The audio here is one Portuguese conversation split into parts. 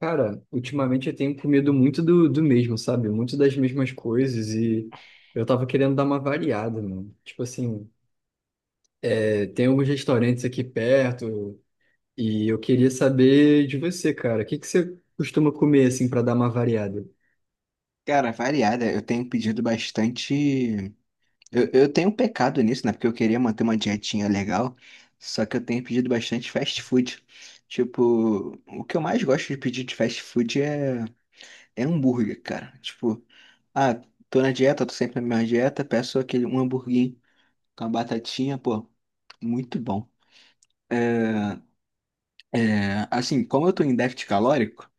Cara, ultimamente eu tenho comido muito do mesmo, sabe? Muito das mesmas coisas e eu tava querendo dar uma variada, mano. Tipo assim, tem alguns restaurantes aqui perto e eu queria saber de você, cara. O que que você costuma comer, assim, pra dar uma variada? Cara, variada. Eu tenho pedido bastante. Eu tenho um pecado nisso, né? Porque eu queria manter uma dietinha legal. Só que eu tenho pedido bastante fast food. Tipo, o que eu mais gosto de pedir de fast food é hambúrguer, cara. Tipo, ah, tô na dieta, tô sempre na minha dieta, peço aquele um hamburguinho com a batatinha, pô, muito bom. É, é, assim, como eu tô em déficit calórico.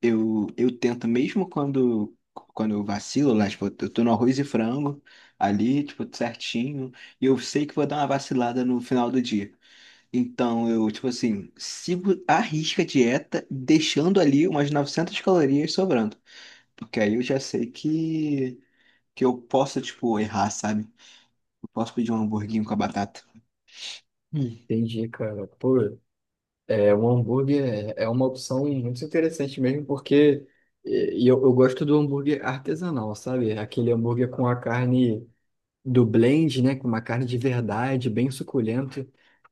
Eu tento, mesmo quando eu vacilo, lá, tipo, eu tô no arroz e frango ali, tipo, certinho, e eu sei que vou dar uma vacilada no final do dia. Então, eu, tipo assim, sigo à risca a dieta, deixando ali umas 900 calorias sobrando. Porque aí eu já sei que eu posso, tipo, errar, sabe? Eu posso pedir um hamburguinho com a batata. Hum. Entendi, cara. Pô, é, um hambúrguer é uma opção muito interessante mesmo porque eu gosto do hambúrguer artesanal, sabe? Aquele hambúrguer com a carne do blend, né? Com uma carne de verdade, bem suculenta,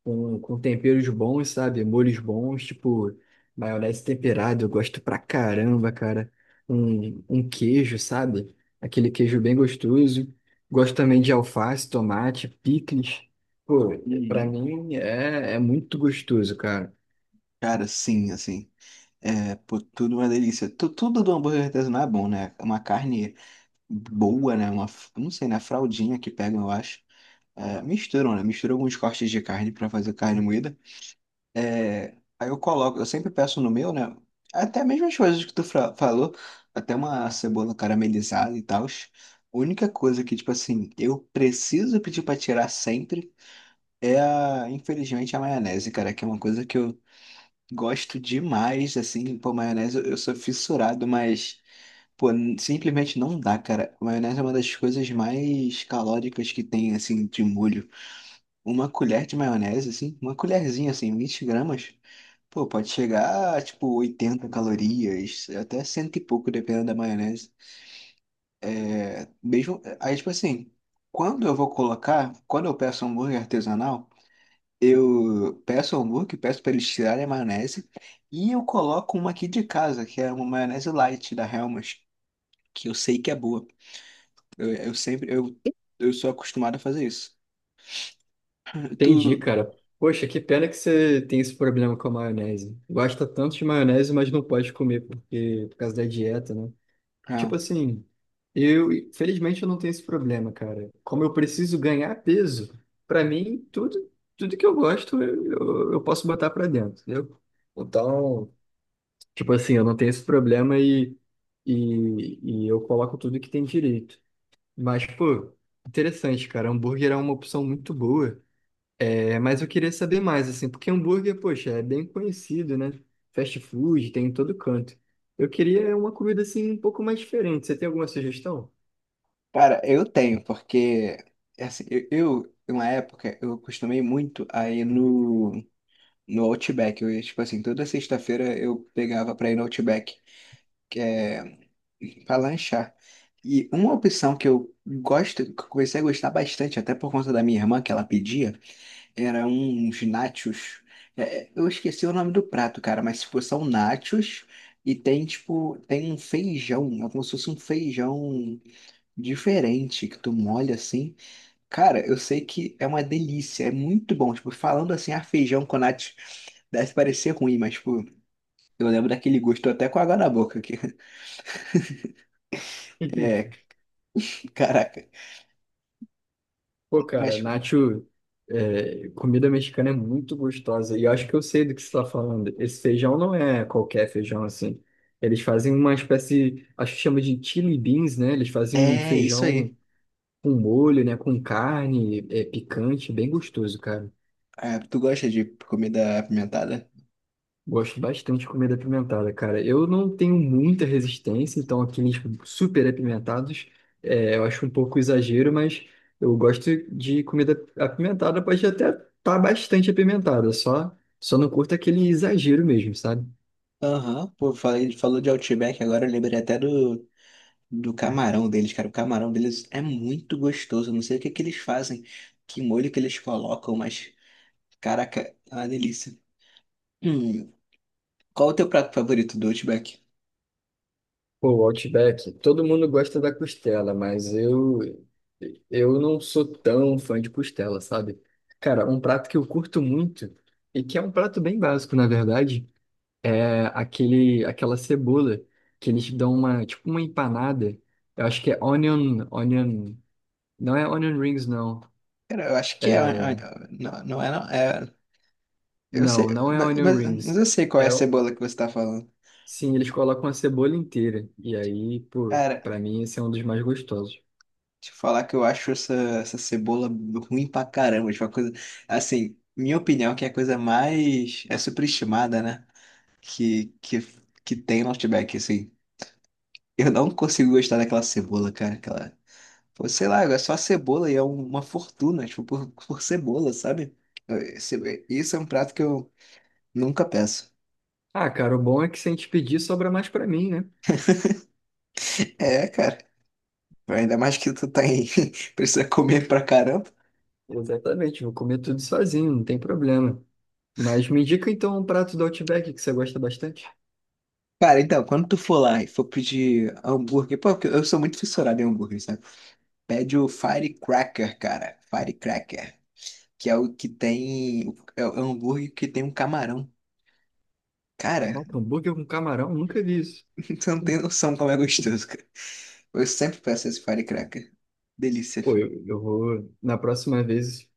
com temperos bons, sabe? Molhos bons, tipo maionese temperada, eu gosto pra caramba, cara. Um queijo, sabe? Aquele queijo bem gostoso. Gosto também de alface, tomate, picles. Pô, pra Uhum. mim é muito gostoso, cara. Cara, sim, assim. É, pô, tudo uma delícia. Tudo do hambúrguer artesanal é bom, né? Uma carne boa, né? Uma, eu não sei, né? Fraldinha que pegam, eu acho. É, misturam, né? Misturam alguns cortes de carne pra fazer carne moída. É, aí eu coloco, eu sempre peço no meu, né? Até mesmo as coisas que tu falou, até uma cebola caramelizada e tal. A única coisa que, tipo assim, eu preciso pedir pra tirar sempre é, infelizmente, a maionese, cara, que é uma coisa que eu gosto demais, assim, pô, maionese eu sou fissurado, mas. Pô, simplesmente não dá, cara. Maionese é uma das coisas mais calóricas que tem, assim, de molho. Uma colher de maionese, assim, uma colherzinha, assim, 20 gramas, pô, pode chegar a, tipo, 80 calorias, até cento e pouco, dependendo da maionese. É, mesmo, aí, tipo assim, quando eu vou colocar, quando eu peço hambúrguer artesanal, eu peço hambúrguer, peço pra eles tirarem a maionese, e eu coloco uma aqui de casa, que é uma maionese light da Hellmann's, que eu sei que é boa. Eu sempre, eu sou acostumado a fazer isso. Entendi, Tu, cara. Poxa, que pena que você tem esse problema com a maionese. Gosta tanto de maionese, mas não pode comer porque, por causa da dieta, né? ah, Tipo assim, eu, felizmente eu não tenho esse problema, cara. Como eu preciso ganhar peso, pra mim, tudo que eu gosto, eu posso botar pra dentro, entendeu? Então, tipo assim, eu não tenho esse problema e eu coloco tudo que tem direito. Mas, pô, interessante, cara. Hambúrguer é uma opção muito boa. É, mas eu queria saber mais, assim, porque hambúrguer, poxa, é bem conhecido, né? Fast food, tem em todo canto. Eu queria uma comida, assim, um pouco mais diferente. Você tem alguma sugestão? cara, eu tenho, porque assim, eu, em uma época, eu acostumei muito a ir no Outback. Eu ia, tipo assim, toda sexta-feira eu pegava pra ir no Outback, que é pra lanchar. E uma opção que eu gosto, que eu comecei a gostar bastante, até por conta da minha irmã, que ela pedia, era uns nachos. É, eu esqueci o nome do prato, cara, mas tipo, são nachos e tem tipo, tem um feijão, é como se fosse um feijão diferente que tu molha assim. Cara, eu sei que é uma delícia, é muito bom. Tipo, falando assim, ah, feijão com nachos deve parecer ruim, mas tipo, eu lembro daquele gosto, tô até com água na boca que é, que caraca. Pô, cara, Mas Nacho, é, comida mexicana é muito gostosa. E eu acho que eu sei do que você está falando. Esse feijão não é qualquer feijão assim. Eles fazem uma espécie, acho que chama de chili beans, né? Eles fazem um é isso aí. feijão com molho, né? Com carne, é, picante, bem gostoso, cara. É, tu gosta de comida apimentada? Gosto bastante de comida apimentada, cara. Eu não tenho muita resistência, então aqueles tipo, super apimentados, é, eu acho um pouco exagero, mas eu gosto de comida apimentada, pode até estar bastante apimentada, só não curto aquele exagero mesmo, sabe? Aham, pô, ele falou de Outback agora, eu lembrei até do camarão deles, cara. O camarão deles é muito gostoso. Eu não sei o que que eles fazem, que molho que eles colocam, mas, caraca, é uma delícia. Hum, qual o teu prato favorito do Outback? Pô, o Outback, todo mundo gosta da costela, mas eu não sou tão fã de costela, sabe? Cara, um prato que eu curto muito e que é um prato bem básico, na verdade, é aquela cebola que eles dão uma, tipo uma empanada. Eu acho que é onion, não é onion rings, não. Cara, eu acho que é. É, Não, não é, não. É, eu sei, não, não é mas, onion mas rings. mas eu sei qual é a é o- cebola que você tá falando. sim, eles colocam a cebola inteira. E aí, pô, Cara, pra mim esse é um dos mais gostosos. deixa eu falar que eu acho essa cebola ruim pra caramba. Tipo, uma coisa. Assim, minha opinião é que é a coisa mais, é superestimada, né? que, que, que tem no Outback, assim. Eu não consigo gostar daquela cebola, cara. Aquela. Pô, sei lá, é só cebola e é uma fortuna, tipo, por cebola, sabe? Isso é um prato que eu nunca peço. Ah, cara, o bom é que se a gente pedir, sobra mais pra mim, né? É, cara. Ainda mais que tu tá em. Precisa comer pra caramba. Exatamente, vou comer tudo sozinho, não tem problema. Mas me indica então um prato do Outback que você gosta bastante. Cara, então, quando tu for lá e for pedir hambúrguer, pô, porque eu sou muito fissurado em hambúrguer, sabe? Pede o Firecracker, cara. Firecracker. Que é o que tem. É o hambúrguer que tem um camarão. Cara, Caraca, hambúrguer com camarão, nunca vi isso. você não tem noção como é gostoso, cara. Eu sempre peço esse firecracker. Delícia, Pô, filho. eu vou, na próxima vez,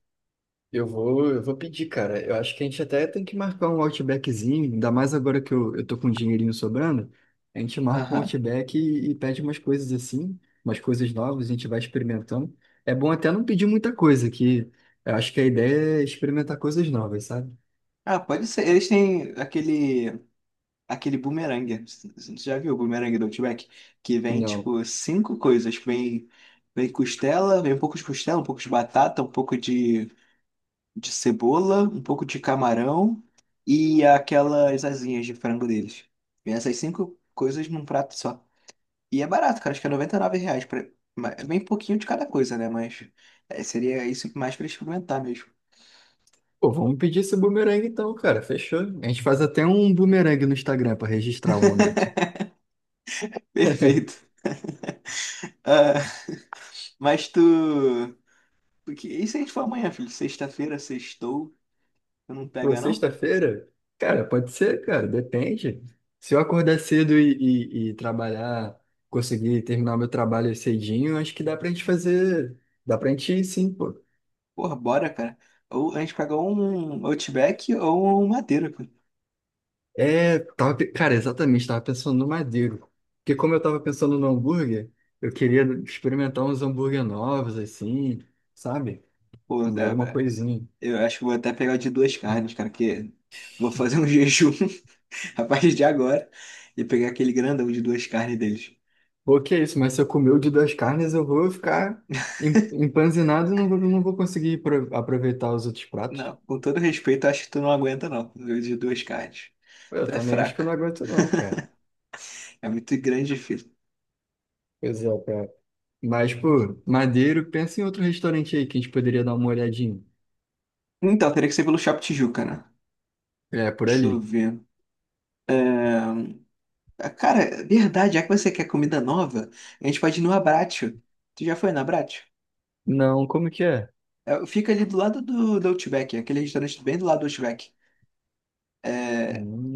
eu vou pedir, cara. Eu acho que a gente até tem que marcar um Outbackzinho, ainda mais agora que eu tô com um dinheirinho sobrando. A gente marca um Aham. Outback e pede umas coisas assim, umas coisas novas, a gente vai experimentando. É bom até não pedir muita coisa, que eu acho que a ideia é experimentar coisas novas, sabe? Ah, pode ser. Eles têm aquele bumerangue. Você já viu o bumerangue do Outback? Que vem, Não. tipo, cinco coisas. Vem costela, vem um pouco de costela, um pouco de batata, um pouco de cebola, um pouco de camarão e aquelas asinhas de frango deles. Vem essas cinco coisas num prato só. E é barato, cara. Acho que é R$ 99. É bem pouquinho de cada coisa, né? Mas seria isso mais pra experimentar mesmo. Pô, vamos pedir esse bumerangue então, cara. Fechou. A gente faz até um bumerangue no Instagram pra registrar o momento. Perfeito. Ah, mas tu. Porque. E se a gente for amanhã, filho? Sexta-feira, sextou. Tu não Pô, pega, não? sexta-feira? Cara, pode ser, cara, depende. Se eu acordar cedo e trabalhar, conseguir terminar meu trabalho cedinho, acho que dá pra gente fazer. Dá pra gente ir, sim, pô. Porra, bora, cara. Ou a gente pega um Outback ou um Madeira, pô. É, cara, exatamente, tava pensando no Madeiro. Porque como eu tava pensando no hambúrguer, eu queria experimentar uns hambúrguer novos, assim, sabe? Pô, Comer alguma coisinha. eu acho que vou até pegar o de duas carnes, cara, que vou fazer um jejum a partir de agora e pegar aquele grandão de duas carnes deles. Pô, que é isso, mas se eu comer o de duas carnes, eu vou ficar empanzinado e não vou conseguir aproveitar os outros pratos. Não, com todo respeito, acho que tu não aguenta, não. Dois de duas cartas. Eu Tu é também acho que eu fraca. não aguento não, cara. É muito grande, filho. Pois é, cara. Mas, pô, Madeiro, pensa em outro restaurante aí que a gente poderia dar uma olhadinha. Então, teria que ser pelo Shopping Tijuca, né? É, por Deixa eu ali. ver. É, cara, é verdade, já que você quer comida nova, a gente pode ir no Abbraccio. Tu já foi no Abbraccio? Não, como que é? É, fica ali do lado do Outback, aquele restaurante bem do lado do Outback.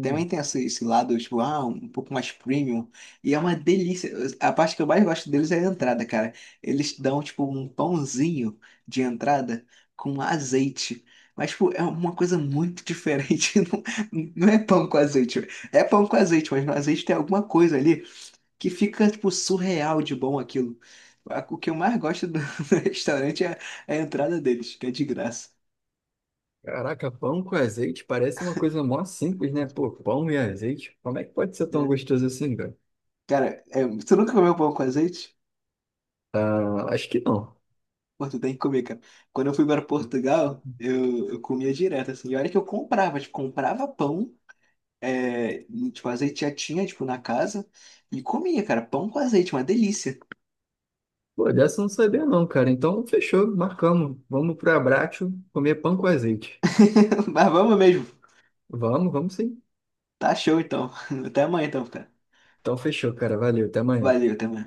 Também tem esse lado, tipo, ah, um pouco mais premium. E é uma delícia. A parte que eu mais gosto deles é a entrada, cara. Eles dão, tipo, um pãozinho de entrada com azeite. Mas, tipo, é uma coisa muito diferente. Não, não é pão com azeite. É pão com azeite, mas no azeite tem alguma coisa ali que fica, tipo, surreal de bom aquilo. O que eu mais gosto do do restaurante é a entrada deles, que é de graça. caraca, pão com azeite parece uma coisa mó simples, né? Pô, pão e azeite. Como é que pode ser tão É. gostoso assim, cara? Cara, é, você nunca comeu pão com azeite? Ah, acho que não. Pô, tu tem que comer, cara. Quando eu fui para Portugal, eu comia direto, assim. E olha que eu comprava, tipo, comprava pão, e, tipo, azeite já tinha, tipo, na casa, e comia, cara. Pão com azeite, uma delícia. Pô, dessa eu não sabia não, cara. Então, fechou, marcamos. Vamos pro Abrácio comer pão com azeite. Mas vamos mesmo. Vamos, vamos sim. Tá show, então. Até amanhã, então, cara. Então, fechou, cara. Valeu, até amanhã. Valeu, até amanhã.